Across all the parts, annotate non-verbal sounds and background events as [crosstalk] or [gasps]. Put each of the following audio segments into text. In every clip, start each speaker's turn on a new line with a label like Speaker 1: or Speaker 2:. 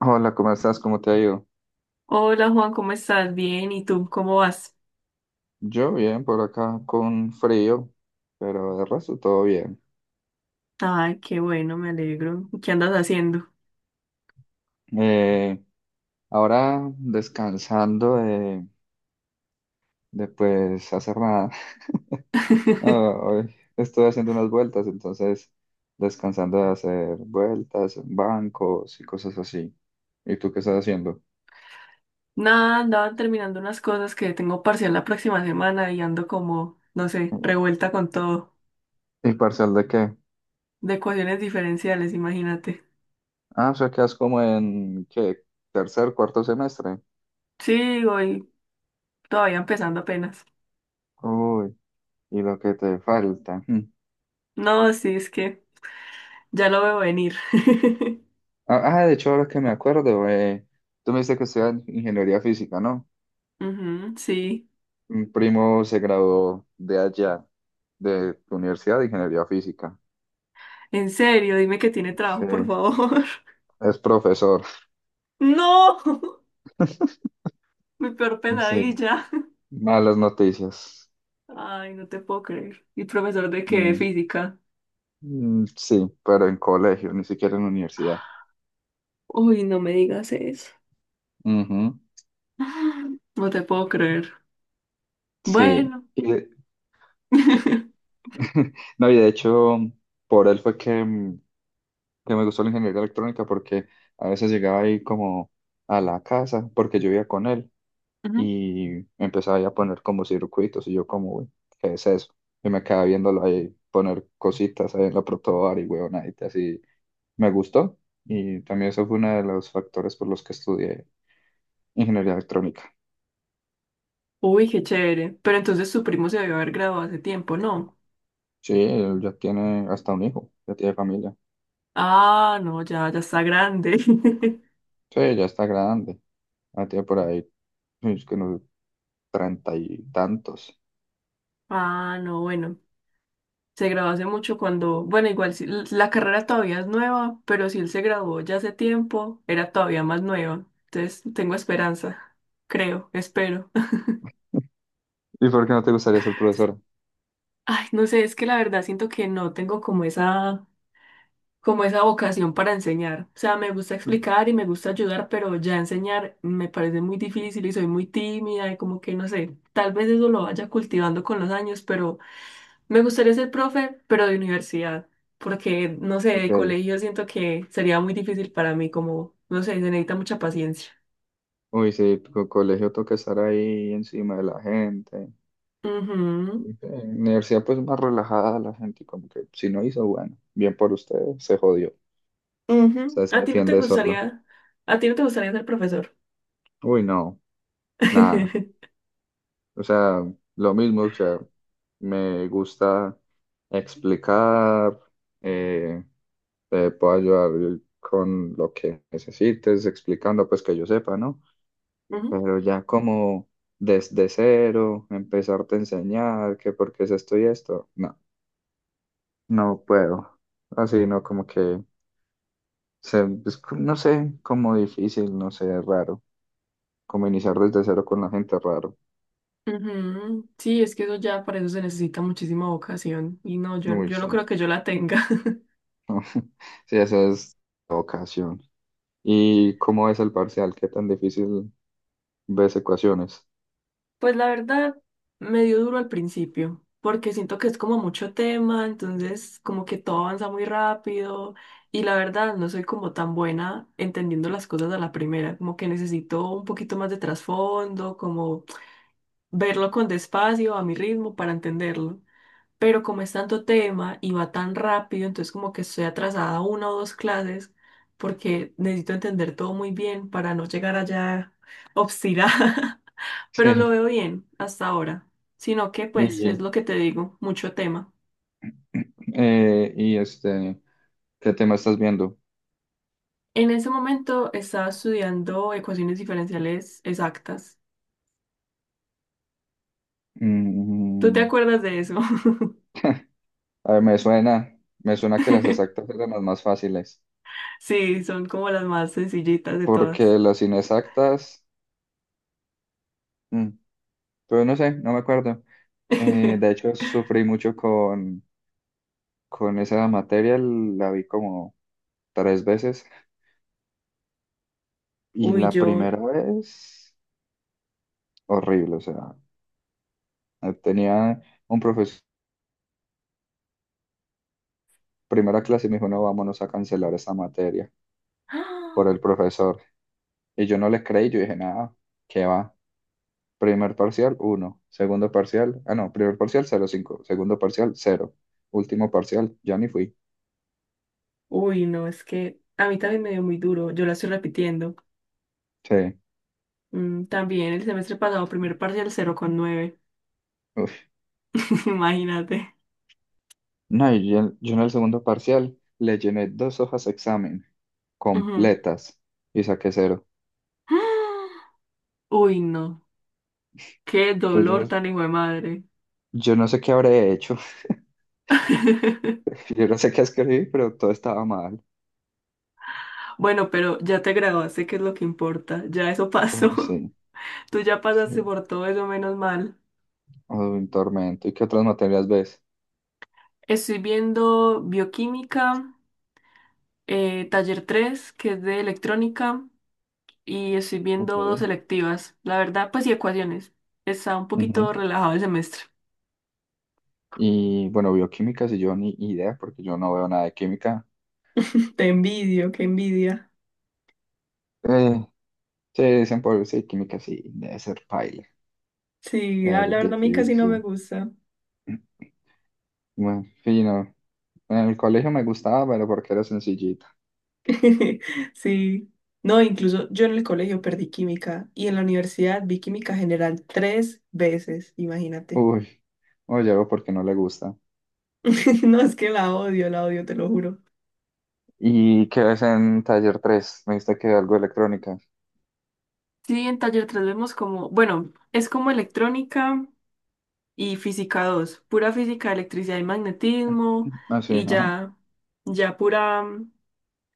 Speaker 1: Hola, ¿cómo estás? ¿Cómo te ha ido?
Speaker 2: Hola Juan, ¿cómo estás? Bien, ¿y tú cómo vas?
Speaker 1: Yo bien, por acá con frío, pero de resto todo bien.
Speaker 2: Ay, qué bueno, me alegro. ¿Qué andas haciendo?
Speaker 1: Eh, Ahora descansando de, pues hacer nada. [laughs] Ah,
Speaker 2: [laughs]
Speaker 1: Hoy estoy haciendo unas vueltas, entonces descansando de hacer vueltas en bancos y cosas así. ¿Y tú qué estás haciendo?
Speaker 2: Nada, andaba terminando unas cosas que tengo parcial la próxima semana y ando como, no sé, revuelta con todo,
Speaker 1: ¿Y parcial de qué?
Speaker 2: de ecuaciones diferenciales, imagínate.
Speaker 1: Ah, o sea, quedas como en, ¿qué? Tercer, cuarto semestre.
Speaker 2: Sí, voy todavía empezando apenas.
Speaker 1: Uy, y lo que te falta.
Speaker 2: No, sí, es que ya lo veo venir. [laughs]
Speaker 1: Ah, ah, de hecho, ahora que me acuerdo, tú me dijiste que estudias ingeniería física, ¿no?
Speaker 2: Ujú, sí,
Speaker 1: Un primo se graduó de allá, de tu universidad de ingeniería física.
Speaker 2: en serio, dime que tiene
Speaker 1: Sí,
Speaker 2: trabajo, por favor. [laughs]
Speaker 1: es profesor. [laughs]
Speaker 2: No, [laughs] mi peor
Speaker 1: Sí,
Speaker 2: pesadilla.
Speaker 1: malas noticias.
Speaker 2: Ay, no te puedo creer. ¿Y profesor de qué? ¿De
Speaker 1: Mm,
Speaker 2: física?
Speaker 1: mm, sí, pero en colegio, ni siquiera en universidad.
Speaker 2: Uy, no me digas eso.
Speaker 1: Ujú,
Speaker 2: [laughs] No te puedo creer.
Speaker 1: sí.
Speaker 2: Bueno.
Speaker 1: Y de-
Speaker 2: [laughs]
Speaker 1: [laughs] no, y de hecho, por él fue que que me gustó la ingeniería electrónica porque a veces llegaba ahí como a la casa, porque yo vivía con él.
Speaker 2: Ujú.
Speaker 1: Y empezaba ahí a poner como circuitos y yo como, "Uy, ¿qué es eso? Y me quedaba viéndolo ahí poner cositas ahí en la protobar y huevonaditas así, me gustó, y también eso fue uno de los factores por los que estudié ingeniería electrónica.
Speaker 2: Uy, qué chévere. Pero entonces su primo se debió haber graduado hace tiempo, ¿no?
Speaker 1: Sí, él ya tiene hasta un hijo, ya tiene familia.
Speaker 2: Ah, no, ya, ya está grande. [laughs]
Speaker 1: Sí, ya está grande, ya tiene por ahí, es que unos treinta y tantos.
Speaker 2: Ah, no, bueno. Se graduó hace mucho cuando, bueno, igual la carrera todavía es nueva, pero si él se graduó ya hace tiempo, era todavía más nueva. Entonces, tengo esperanza. Creo, espero.
Speaker 1: ¿Y por qué no te gustaría ser profesora?
Speaker 2: Ay, no sé, es que la verdad siento que no tengo como esa vocación para enseñar. O sea, me gusta explicar y me gusta ayudar, pero ya enseñar me parece muy difícil y soy muy tímida y como que no sé, tal vez eso lo vaya cultivando con los años, pero me gustaría ser profe, pero de universidad, porque no sé, de
Speaker 1: Ok.
Speaker 2: colegio siento que sería muy difícil para mí, como, no sé, se necesita mucha paciencia.
Speaker 1: Uy, sí, co- colegio toca estar ahí encima de la gente.
Speaker 2: Ujú,
Speaker 1: En universidad pues más relajada la gente, como que si no hizo, bueno, bien por ustedes, se jodió. O
Speaker 2: ujú.
Speaker 1: sea, se
Speaker 2: ¿A ti no te
Speaker 1: defiende solo.
Speaker 2: gustaría, a ti no te gustaría ser profesor?
Speaker 1: Uy, no, nada.
Speaker 2: [laughs]
Speaker 1: O sea, lo mismo, o sea, me gusta explicar, eh, te puedo ayudar con lo que necesites, explicando pues que yo sepa, ¿no?
Speaker 2: Ujú.
Speaker 1: Pero ya como desde cero, empezarte a enseñar que por qué es esto y esto, no, no puedo. Así, ¿no? Como que... sea, es co- no sé, como difícil, no sé, raro. Como iniciar desde cero con la gente, raro.
Speaker 2: Ujú. Sí, es que eso ya para eso se necesita muchísima vocación y no, yo,
Speaker 1: Uy,
Speaker 2: yo
Speaker 1: sí.
Speaker 2: no creo que
Speaker 1: [laughs]
Speaker 2: yo la tenga. [laughs]
Speaker 1: Sí, esa es la ocasión. ¿Y cómo es el parcial? ¿Qué tan difícil ves ecuaciones? [laughs]
Speaker 2: Pues la verdad, me dio duro al principio, porque siento que es como mucho tema, entonces como que todo avanza muy rápido y la verdad no soy como tan buena entendiendo las cosas a la primera, como que necesito un poquito más de trasfondo, como verlo con despacio, a mi ritmo, para entenderlo. Pero como es tanto tema y va tan rápido, entonces como que estoy atrasada una o dos clases porque necesito entender todo muy bien para no llegar allá obstinada, [laughs] pero lo
Speaker 1: Sí.
Speaker 2: veo bien hasta ahora, sino que pues es
Speaker 1: Y,
Speaker 2: lo que te digo, mucho tema.
Speaker 1: eh, y este, ¿qué tema estás viendo?
Speaker 2: En ese momento estaba estudiando ecuaciones diferenciales exactas. ¿Tú te
Speaker 1: Mm,
Speaker 2: acuerdas de eso?
Speaker 1: a ver, me suena que las
Speaker 2: [laughs]
Speaker 1: exactas eran las más fáciles,
Speaker 2: Sí, son como las más sencillitas de todas.
Speaker 1: porque las inexactas, mm, pues no sé, no me acuerdo. De
Speaker 2: [laughs]
Speaker 1: hecho, sufrí mucho con... Con esa materia la vi como tres veces y
Speaker 2: Uy,
Speaker 1: la
Speaker 2: yo.
Speaker 1: primera vez horrible, o sea, tenía un profesor, primera clase me dijo, no, vámonos a cancelar esa materia por el
Speaker 2: [gasps]
Speaker 1: profesor. Y yo no le creí, yo dije, nada, ¿qué va? Primer parcial, uno. Segundo parcial, ah, no, primer parcial, cero coma cinco. Segundo parcial, cero. Último parcial, ya ni fui.
Speaker 2: Uy, no, es que a mí también me dio muy duro, yo la estoy repitiendo.
Speaker 1: Sí.
Speaker 2: También el semestre pasado, primer parcial 0,9.
Speaker 1: Uf.
Speaker 2: [laughs] Imagínate.
Speaker 1: No, y yo en el segundo parcial le llené dos hojas examen
Speaker 2: Ujú.
Speaker 1: completas y saqué cero.
Speaker 2: [gasps] Uy, no, qué dolor
Speaker 1: Entonces yo,
Speaker 2: tan hijo de madre.
Speaker 1: yo no sé qué habré hecho,
Speaker 2: [laughs]
Speaker 1: [laughs] yo no sé qué escribí, pero todo estaba mal.
Speaker 2: Bueno, pero ya te graduaste, que es lo que importa, ya eso
Speaker 1: Uy,
Speaker 2: pasó.
Speaker 1: sí,
Speaker 2: [laughs] Tú ya
Speaker 1: sí.
Speaker 2: pasaste por todo eso, menos mal.
Speaker 1: Un tormento. ¿Y qué otras materias ves?
Speaker 2: Estoy viendo bioquímica, taller 3 que es de electrónica. Y estoy
Speaker 1: Ok.
Speaker 2: viendo dos selectivas. La verdad, pues y ecuaciones. Está un
Speaker 1: Ujú.
Speaker 2: poquito relajado el semestre.
Speaker 1: Y bueno, bioquímica, si yo ni idea, porque yo no veo nada de química.
Speaker 2: [laughs] Te envidio, qué envidia.
Speaker 1: Eh, sí, dicen por sí, química sí, debe ser paila,
Speaker 2: Sí,
Speaker 1: debe
Speaker 2: ah, la verdad a
Speaker 1: ser
Speaker 2: mí casi no me
Speaker 1: difícil.
Speaker 2: gusta.
Speaker 1: [clears throat] Bueno, fino. En el colegio me gustaba, pero porque era sencillita.
Speaker 2: [laughs] Sí. No, incluso yo en el colegio perdí química y en la universidad vi química general tres veces, imagínate.
Speaker 1: Uy, oye, algo porque no le gusta.
Speaker 2: [laughs] No, es que la odio, te lo juro.
Speaker 1: ¿Y qué ves en taller tres? Me dijiste que algo de electrónica.
Speaker 2: Sí, en taller 3 vemos como, bueno, es como electrónica, y física 2 pura física, electricidad y magnetismo,
Speaker 1: Ah, sí,
Speaker 2: y
Speaker 1: ajá.
Speaker 2: ya, ya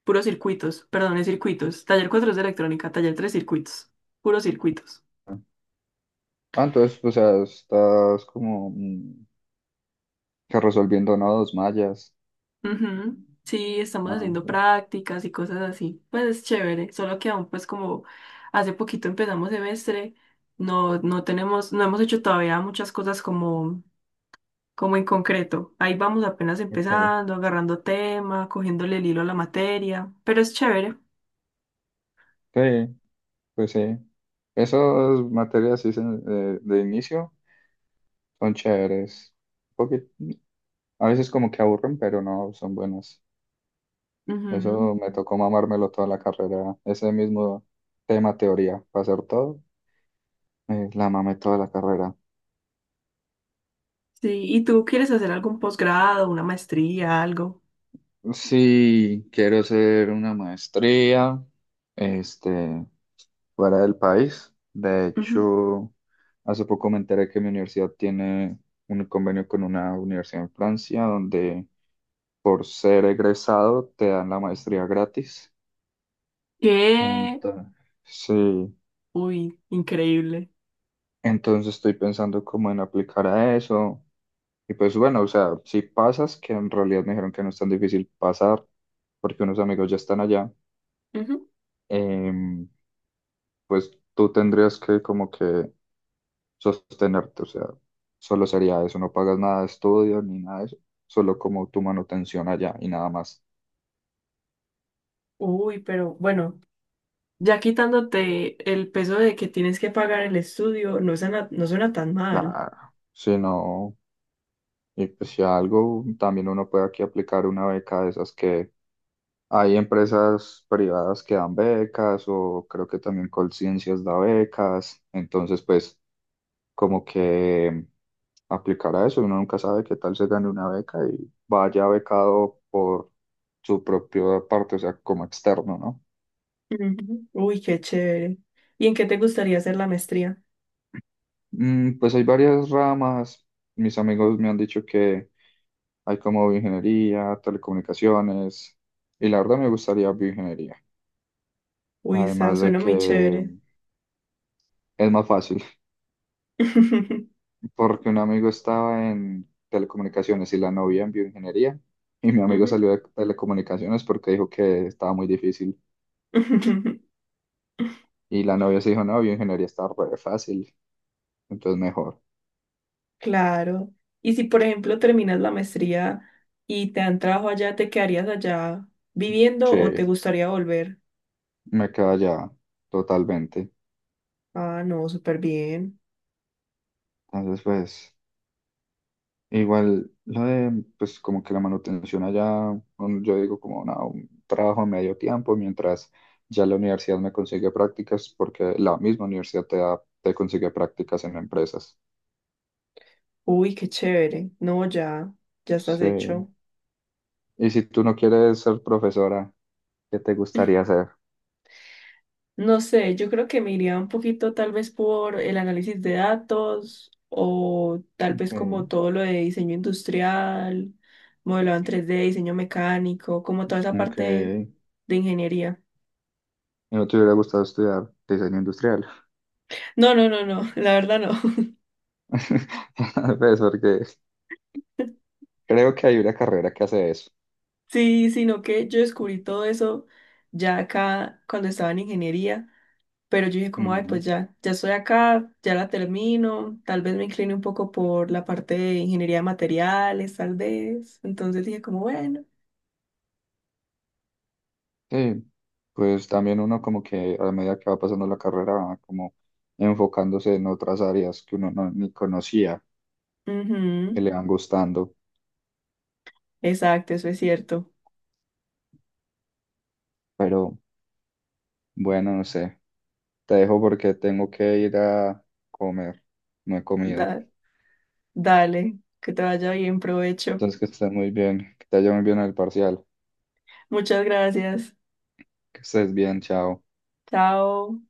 Speaker 2: puros circuitos, perdón, es circuitos. Taller 4 es de electrónica, taller 3 circuitos, puros circuitos.
Speaker 1: Ah, entonces, o sea, estás como mm, que resolviendo nodos mayas.
Speaker 2: Ujú. Sí, estamos
Speaker 1: Ah,
Speaker 2: haciendo prácticas y cosas así. Pues es chévere, solo que aún pues como hace poquito empezamos semestre, no, no tenemos, no hemos hecho todavía muchas cosas como en concreto. Ahí vamos apenas
Speaker 1: ok.
Speaker 2: empezando, agarrando tema, cogiéndole el hilo a la materia, pero es chévere.
Speaker 1: Sí, pues sí. Esas materias sí se- de inicio son chéveres. Un poquit-, a veces como que aburren, pero no, son buenas. Eso
Speaker 2: Ujú,
Speaker 1: me tocó mamármelo toda la carrera. Ese mismo tema teoría para hacer todo, la mamé toda la carrera.
Speaker 2: sí, ¿y tú quieres hacer algún posgrado, una maestría, algo?
Speaker 1: Sí, quiero hacer una maestría. Este, fuera del país. De
Speaker 2: Ujú.
Speaker 1: hecho, hace poco me enteré que mi universidad tiene un convenio con una universidad en Francia donde por ser egresado te dan la maestría gratis.
Speaker 2: ¿Qué?
Speaker 1: Entonces, sí,
Speaker 2: Uy, increíble.
Speaker 1: entonces estoy pensando como en aplicar a eso. Y pues bueno, o sea, si pasas, que en realidad me dijeron que no es tan difícil pasar porque unos amigos ya están allá,
Speaker 2: Ujú.
Speaker 1: em, pues tú tendrías que como que sostenerte, o sea, solo sería eso, no pagas nada de estudio ni nada de eso, solo como tu manutención allá y nada más.
Speaker 2: Uy, pero bueno, ya quitándote el peso de que tienes que pagar el estudio, no suena, no suena tan mal.
Speaker 1: Claro, si no, y pues si algo, también uno puede aquí aplicar una beca de esas que hay empresas privadas que dan becas o creo que también Colciencias da becas, entonces pues como que aplicar a eso, uno nunca sabe qué tal se gane una beca y vaya becado por su propia parte, o sea, como externo, ¿no?
Speaker 2: Ujú. Uy, qué chévere. ¿Y en qué te gustaría hacer la maestría?
Speaker 1: Mm, pues hay varias ramas. Mis amigos me han dicho que hay como bioingeniería, telecomunicaciones, y la verdad me gustaría bioingeniería.
Speaker 2: Uy, está,
Speaker 1: Además de
Speaker 2: suena muy
Speaker 1: que
Speaker 2: chévere.
Speaker 1: es más fácil,
Speaker 2: [laughs]
Speaker 1: [laughs] porque un amigo estaba en telecomunicaciones y la novia en bioingeniería, y mi amigo
Speaker 2: Ujú.
Speaker 1: salió de telecomunicaciones porque dijo que estaba muy difícil,
Speaker 2: [laughs]
Speaker 1: y la novia se dijo, no, bioingeniería está re fácil, entonces mejor.
Speaker 2: Claro. Y si, por ejemplo, terminas la maestría y te dan trabajo allá, ¿te quedarías allá viviendo o
Speaker 1: Sí,
Speaker 2: te gustaría volver?
Speaker 1: me queda ya totalmente.
Speaker 2: Ah, no, súper bien.
Speaker 1: Entonces, pues... E Igual, lo de, pues como que la manutención allá, un- yo digo como no, un trabajo a medio tiempo, mientras ya la universidad me consigue prácticas, porque la misma universidad te da- te consigue prácticas en empresas.
Speaker 2: Uy, qué chévere. No, ya, ya estás
Speaker 1: Sí.
Speaker 2: hecho.
Speaker 1: Y si tú no quieres ser profesora, ¿qué te gustaría hacer?
Speaker 2: No sé, yo creo que me iría un poquito tal vez por el análisis de datos o tal
Speaker 1: Ok,
Speaker 2: vez como todo lo de diseño industrial, modelado en 3D, diseño mecánico, como toda esa
Speaker 1: ok.
Speaker 2: parte de ingeniería.
Speaker 1: ¿Y no te hubiera gustado estudiar diseño industrial?
Speaker 2: No, no, no, no, [laughs] la verdad no. [laughs]
Speaker 1: [laughs] Pues porque creo que hay una carrera que hace eso.
Speaker 2: Sí, sino que yo descubrí todo eso ya acá cuando estaba en ingeniería, pero yo dije como, ay, pues ya, ya estoy acá, ya la termino, tal vez me incline un poco por la parte de ingeniería de materiales, tal vez. Entonces dije como, bueno,
Speaker 1: Sí, pues también uno como que a medida que va pasando la carrera va como enfocándose en otras áreas que uno no, ni conocía,
Speaker 2: ujú,
Speaker 1: que le van gustando.
Speaker 2: exacto, eso es cierto.
Speaker 1: Pero bueno, no sé, te dejo porque tengo que ir a comer, no he comido.
Speaker 2: Da- Dale, que te vaya bien, provecho.
Speaker 1: Entonces que estés muy bien, que te vaya muy bien en el parcial,
Speaker 2: Muchas gracias.
Speaker 1: que estés bien, chao.
Speaker 2: Chao.